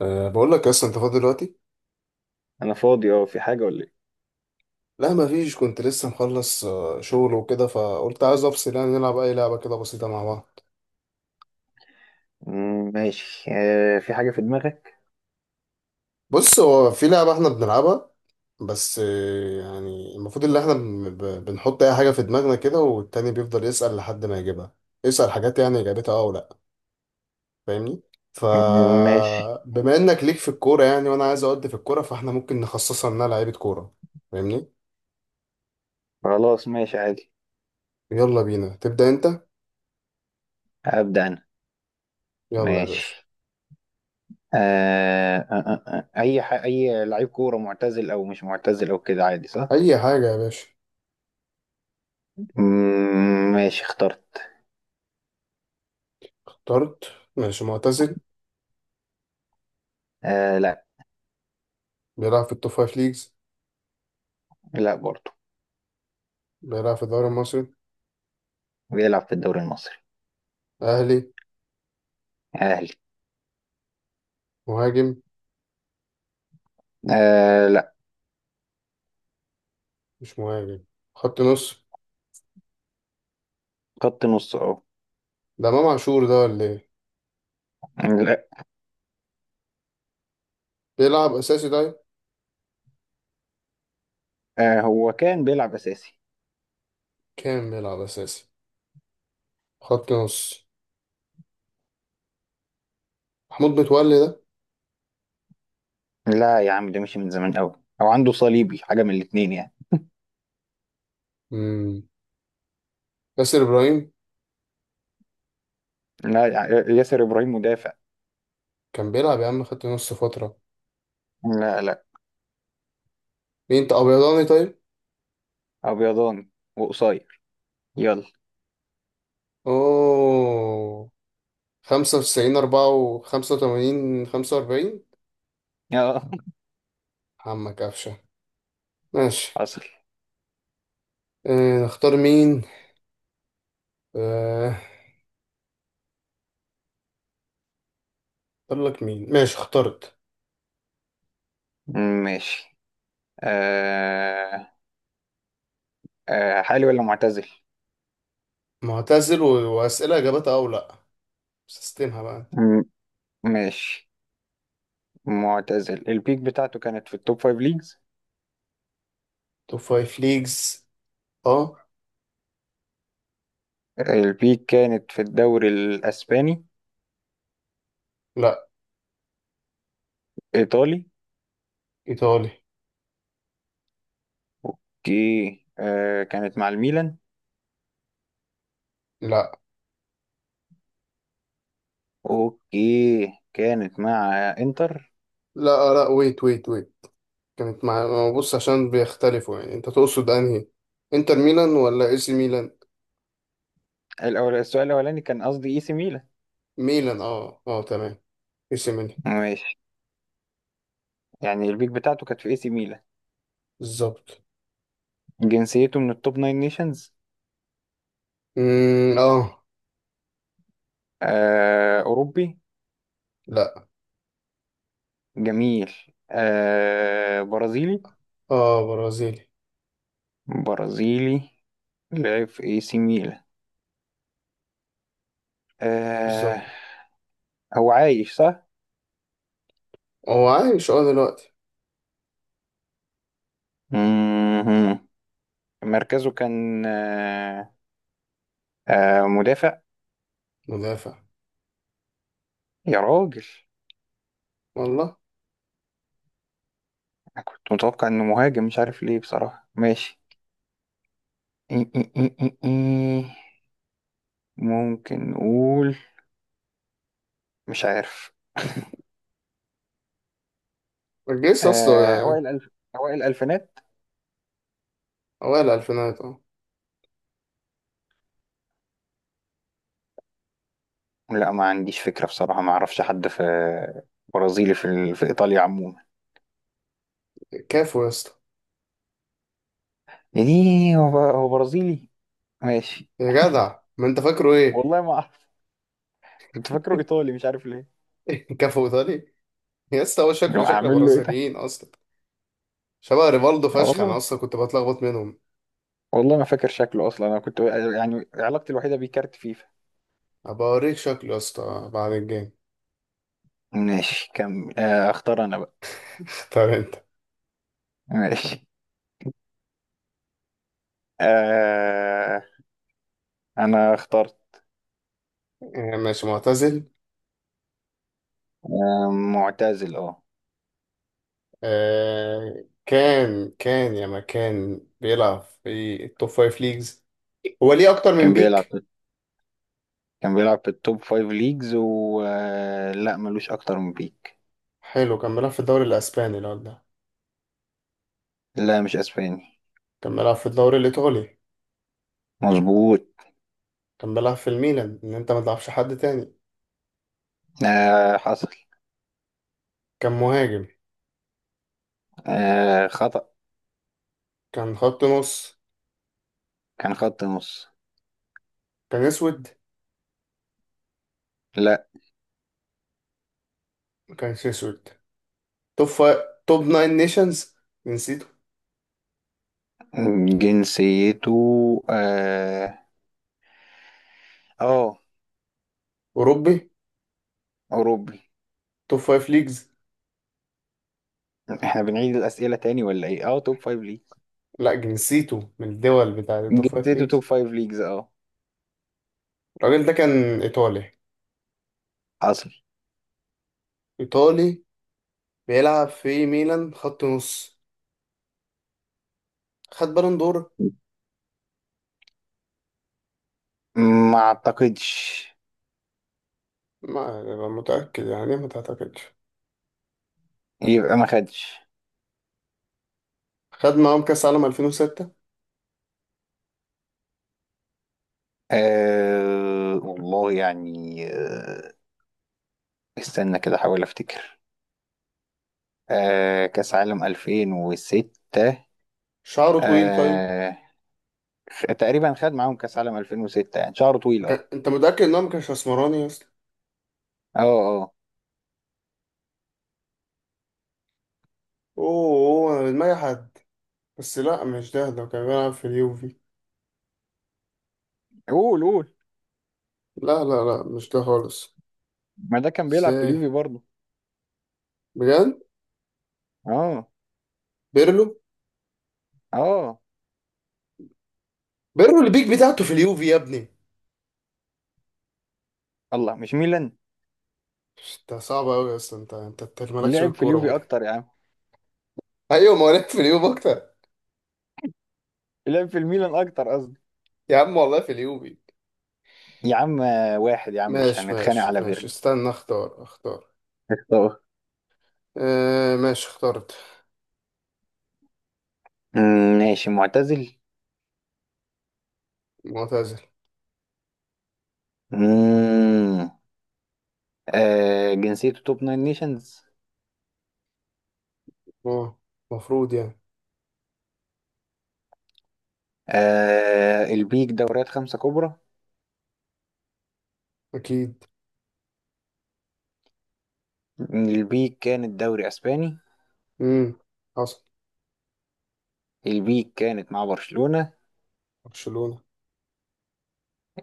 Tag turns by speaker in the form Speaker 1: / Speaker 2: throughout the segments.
Speaker 1: بقول لك اصلا انت فاضي دلوقتي.
Speaker 2: انا فاضي اه، في حاجه ولا ايه؟
Speaker 1: لا ما فيش، كنت لسه مخلص شغل وكده، فقلت عايز افصل يعني نلعب اي لعبه كده بسيطه مع بعض.
Speaker 2: ماشي. في حاجة في دماغك؟
Speaker 1: بص، هو في لعبه احنا بنلعبها، بس يعني المفروض ان احنا بنحط اي حاجه في دماغنا كده، والتاني بيفضل يسال لحد ما يجيبها. يسال حاجات يعني اجابتها اه ولا. فاهمني؟ ف
Speaker 2: مم، ماشي.
Speaker 1: بما انك ليك في الكوره يعني، وانا عايز اودي في الكوره، فاحنا ممكن نخصصها انها لعيبه كوره. فاهمني؟
Speaker 2: خلاص ماشي عادي.
Speaker 1: يلا بينا، تبدا انت.
Speaker 2: أبدأ أنا.
Speaker 1: يلا يا باشا.
Speaker 2: ماشي. آه آه آه أي لعيب كورة معتزل أو مش معتزل أو كده عادي صح؟
Speaker 1: اي حاجه يا باشا.
Speaker 2: ماشي اخترت.
Speaker 1: طرد. ماشي، معتزل.
Speaker 2: آه لا.
Speaker 1: بيلعب في التوب فايف ليجز.
Speaker 2: لا برضه.
Speaker 1: بيلعب في الدوري المصري.
Speaker 2: بيلعب في الدوري المصري.
Speaker 1: أهلي.
Speaker 2: أهلي.
Speaker 1: مهاجم.
Speaker 2: آه لا.
Speaker 1: مش مهاجم. خط نص.
Speaker 2: خط نص أهو.
Speaker 1: ده إمام عاشور ده ولا إيه؟
Speaker 2: لا.
Speaker 1: بيلعب أساسي ده.
Speaker 2: آه هو كان بيلعب أساسي.
Speaker 1: كام بيلعب أساسي. خط نص. محمود متولي ده.
Speaker 2: لا يا عم، ده مشي من زمان أوي، أو عنده صليبي، حاجة من الاتنين يعني.
Speaker 1: مم. ياسر إبراهيم.
Speaker 2: لا. ياسر إبراهيم مدافع.
Speaker 1: كان بيلعب يا عم خط نص فترة.
Speaker 2: لا لا.
Speaker 1: مين أنت، أبيضاني طيب؟
Speaker 2: ابيضان وقصير. يلا.
Speaker 1: أوه. خمسة وتسعين، أربعة وخمسة وتمانين، خمسة وأربعين.
Speaker 2: اه.
Speaker 1: عمك قفشة. ماشي.
Speaker 2: حصل.
Speaker 1: نختار مين؟ آه، اختار لك مين. ماشي اخترت.
Speaker 2: ماشي. آه آه حالي ولا معتزل.
Speaker 1: معتزل و... واسئله اجابتها او لا. سيستمها بقى انت.
Speaker 2: م- ماشي. معتزل. البيك بتاعته كانت في التوب فايف ليجز.
Speaker 1: توب فايف ليجز. اه.
Speaker 2: البيك كانت في الدوري الاسباني.
Speaker 1: لا.
Speaker 2: ايطالي.
Speaker 1: ايطالي.
Speaker 2: اوكي. آه كانت مع الميلان.
Speaker 1: لا
Speaker 2: اوكي كانت مع انتر.
Speaker 1: لا لا، ويت ويت ويت. كانت مع، ما بص عشان بيختلفوا، يعني انت تقصد انهي؟ انتر ميلان ولا اي سي ميلان؟
Speaker 2: الاول، السؤال الاولاني كان قصدي اي سي ميلان.
Speaker 1: ميلان، اه اه تمام. اي سي ميلان.
Speaker 2: ماشي. يعني البيك بتاعته كانت في اي سي ميلان.
Speaker 1: بالظبط.
Speaker 2: جنسيته من التوب ناين نيشنز.
Speaker 1: اه.
Speaker 2: آه أوروبي.
Speaker 1: لا.
Speaker 2: جميل. آه برازيلي.
Speaker 1: اه برازيلي.
Speaker 2: برازيلي. لعب في اي سي ميلان. آه.
Speaker 1: بالظبط.
Speaker 2: هو عايش صح؟
Speaker 1: هو عايش دلوقتي.
Speaker 2: مهم. مركزه كان آه مدافع.
Speaker 1: مدافع.
Speaker 2: يا راجل.
Speaker 1: والله.
Speaker 2: أنا كنت متوقع انه مهاجم، مش عارف ليه بصراحة. ماشي. إي- إي- إي- إي- إي. ممكن نقول مش عارف.
Speaker 1: الجيس اصلا
Speaker 2: آه
Speaker 1: يعني.
Speaker 2: أوائل الألف أوائل الألفينات.
Speaker 1: اوائل الالفينات اه.
Speaker 2: لا ما عنديش فكرة بصراحة، ما اعرفش حد برازيلي في في ايطاليا عموما.
Speaker 1: كافو يا اسطى.
Speaker 2: يعني هو هو برازيلي. ماشي.
Speaker 1: يا جدع ما انت فاكره ايه.
Speaker 2: والله ما اعرف. كنت فاكره ايطالي مش عارف ليه.
Speaker 1: كفو ايطالي يا اسطى، هو شكله
Speaker 2: لو
Speaker 1: شكل
Speaker 2: اعمل له ايه طيب.
Speaker 1: برازيليين اصلا. شبه ريفالدو فشخ، انا
Speaker 2: والله.
Speaker 1: اصلا كنت بتلخبط منهم.
Speaker 2: والله ما فاكر شكله اصلا. انا كنت يعني علاقتي الوحيدة بيه كارت فيفا.
Speaker 1: ابقى اوريك شكله يا اسطى بعد الجيم.
Speaker 2: ماشي كمل، اختار انا بقى.
Speaker 1: طب انت.
Speaker 2: ماشي. آه انا اخترت.
Speaker 1: آه، ماشي معتزل.
Speaker 2: آه، معتزل اه.
Speaker 1: آه كان كان يا ما كان بيلعب في التوب فايف ليجز. هو ليه اكتر من
Speaker 2: كان بيلعب
Speaker 1: بيك.
Speaker 2: كان بيلعب في التوب فايف ليجز، و لا ملوش اكتر من بيك.
Speaker 1: حلو. كان بيلعب في الدوري الاسباني الواد ده.
Speaker 2: لا مش اسباني.
Speaker 1: كان بيلعب في الدوري الايطالي.
Speaker 2: مظبوط.
Speaker 1: كان بيلعب في الميلان، ان انت ما تلعبش حد تاني.
Speaker 2: آه حصل.
Speaker 1: كان مهاجم.
Speaker 2: آه خطأ.
Speaker 1: كان خط نص.
Speaker 2: كان خط نص.
Speaker 1: كان اسود.
Speaker 2: لا.
Speaker 1: ما كانش اسود. توب فايف. توب ناين نيشنز. نسيته.
Speaker 2: جنسيته اه، آه،
Speaker 1: أوروبي.
Speaker 2: أوروبي.
Speaker 1: توب فايف ليجز.
Speaker 2: احنا بنعيد الأسئلة تاني ولا ايه؟ اه توب فايف ليجز.
Speaker 1: لا نسيته من الدول بتاع التوب فايف
Speaker 2: جنسيته توب
Speaker 1: ليجز.
Speaker 2: فايف ليجز اه.
Speaker 1: الراجل ده كان إيطالي.
Speaker 2: حصل.
Speaker 1: إيطالي. بيلعب في ميلان، خط نص. خد بالون دور.
Speaker 2: ما اعتقدش.
Speaker 1: ما أنا متأكد يعني، ما تعتقدش.
Speaker 2: يبقى ما خدش.
Speaker 1: خد معاهم كأس عالم 2006.
Speaker 2: آه والله يعني آه، استنى كده احاول افتكر. آه كاس عالم 2006.
Speaker 1: شعره طويل طيب.
Speaker 2: آه تقريبا خد معاهم كاس عالم 2006 يعني شعره طويل اه.
Speaker 1: أنت متأكد إن هو ما كانش أسمراني أصلا؟
Speaker 2: اه اه.
Speaker 1: أوه أوه، انا دماغي حد. بس لا، مش ده، ده كان بيلعب في اليوفي.
Speaker 2: قول قول.
Speaker 1: لا لا لا مش ده خالص.
Speaker 2: ما ده كان بيلعب في
Speaker 1: ازاي؟
Speaker 2: اليوفي برضه.
Speaker 1: بجد؟
Speaker 2: اه.
Speaker 1: بيرلو.
Speaker 2: اه
Speaker 1: بيرلو البيك بتاعته في اليوفي يا ابني.
Speaker 2: الله، مش ميلان؟
Speaker 1: انت صعب قوي يا اسطى، انت مالكش في
Speaker 2: لعب في
Speaker 1: الكوره
Speaker 2: اليوفي
Speaker 1: بجد.
Speaker 2: اكتر يا عم.
Speaker 1: ايوه، ما هو لك في اليوفي اكتر.
Speaker 2: لعب في الميلان اكتر قصدي.
Speaker 1: يا عم والله في اليوفي.
Speaker 2: يا عم واحد يا عم، مش
Speaker 1: ماشي
Speaker 2: هنتخانق
Speaker 1: ماشي
Speaker 2: على
Speaker 1: ماشي
Speaker 2: فيرلو.
Speaker 1: استنى، اختار اختار.
Speaker 2: اختار.
Speaker 1: اه ماشي اخترت.
Speaker 2: ماشي معتزل.
Speaker 1: معتزل.
Speaker 2: مم. آه جنسيته توب ناين نيشنز.
Speaker 1: اه مفروض يعني.
Speaker 2: آه البيك دوريات خمسة كبرى.
Speaker 1: اكيد.
Speaker 2: البيك كانت دوري اسباني.
Speaker 1: امم حصل.
Speaker 2: البيك كانت مع برشلونة.
Speaker 1: برشلونه.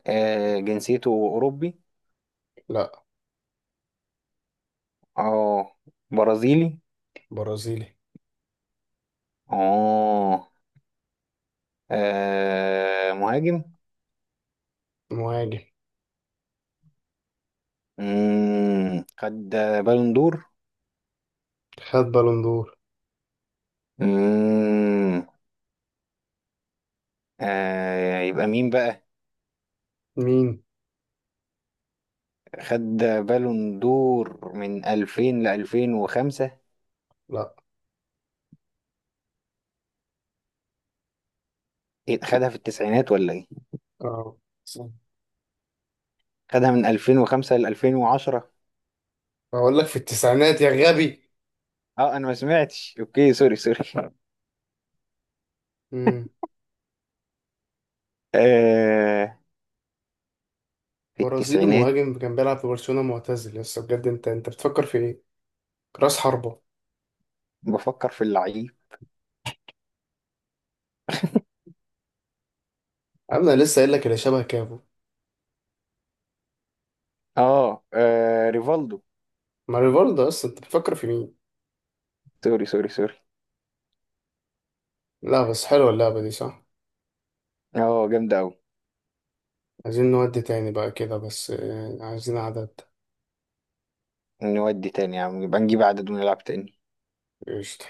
Speaker 2: آه جنسيته اوروبي.
Speaker 1: لا.
Speaker 2: اه برازيلي.
Speaker 1: برازيلي.
Speaker 2: اه. آه مهاجم.
Speaker 1: مهاجم.
Speaker 2: مم. خد بالون دور.
Speaker 1: خد بالون دور.
Speaker 2: مم. آه يبقى مين بقى.
Speaker 1: مين؟
Speaker 2: خد بالون دور من 2000 ل 2005.
Speaker 1: لا.
Speaker 2: إيه، خدها في التسعينات ولا ايه؟
Speaker 1: اه صح.
Speaker 2: خدها من 2005 ل 2010.
Speaker 1: بقول لك في التسعينات يا غبي.
Speaker 2: اه انا ما سمعتش، اوكي سوري سوري.
Speaker 1: امم
Speaker 2: آه في
Speaker 1: برازيلي
Speaker 2: التسعينات.
Speaker 1: مهاجم، كان بيلعب في برشلونة، معتزل لسه، بجد انت بتفكر في ايه؟ راس حربة.
Speaker 2: بفكر في اللعيب.
Speaker 1: انا لسه قايل لك اللي شبه كافو.
Speaker 2: اه آه، ريفالدو.
Speaker 1: ما ريفالدو اصلا، انت بتفكر في مين؟
Speaker 2: سوري سوري سوري.
Speaker 1: لا بس حلوة اللعبة دي صح؟
Speaker 2: اه جامد قوي.
Speaker 1: عايزين نودي تاني بقى كده، بس عايزين عدد.
Speaker 2: نودي تاني يا عم، يبقى نجيب عدد ونلعب تاني.
Speaker 1: قشطة.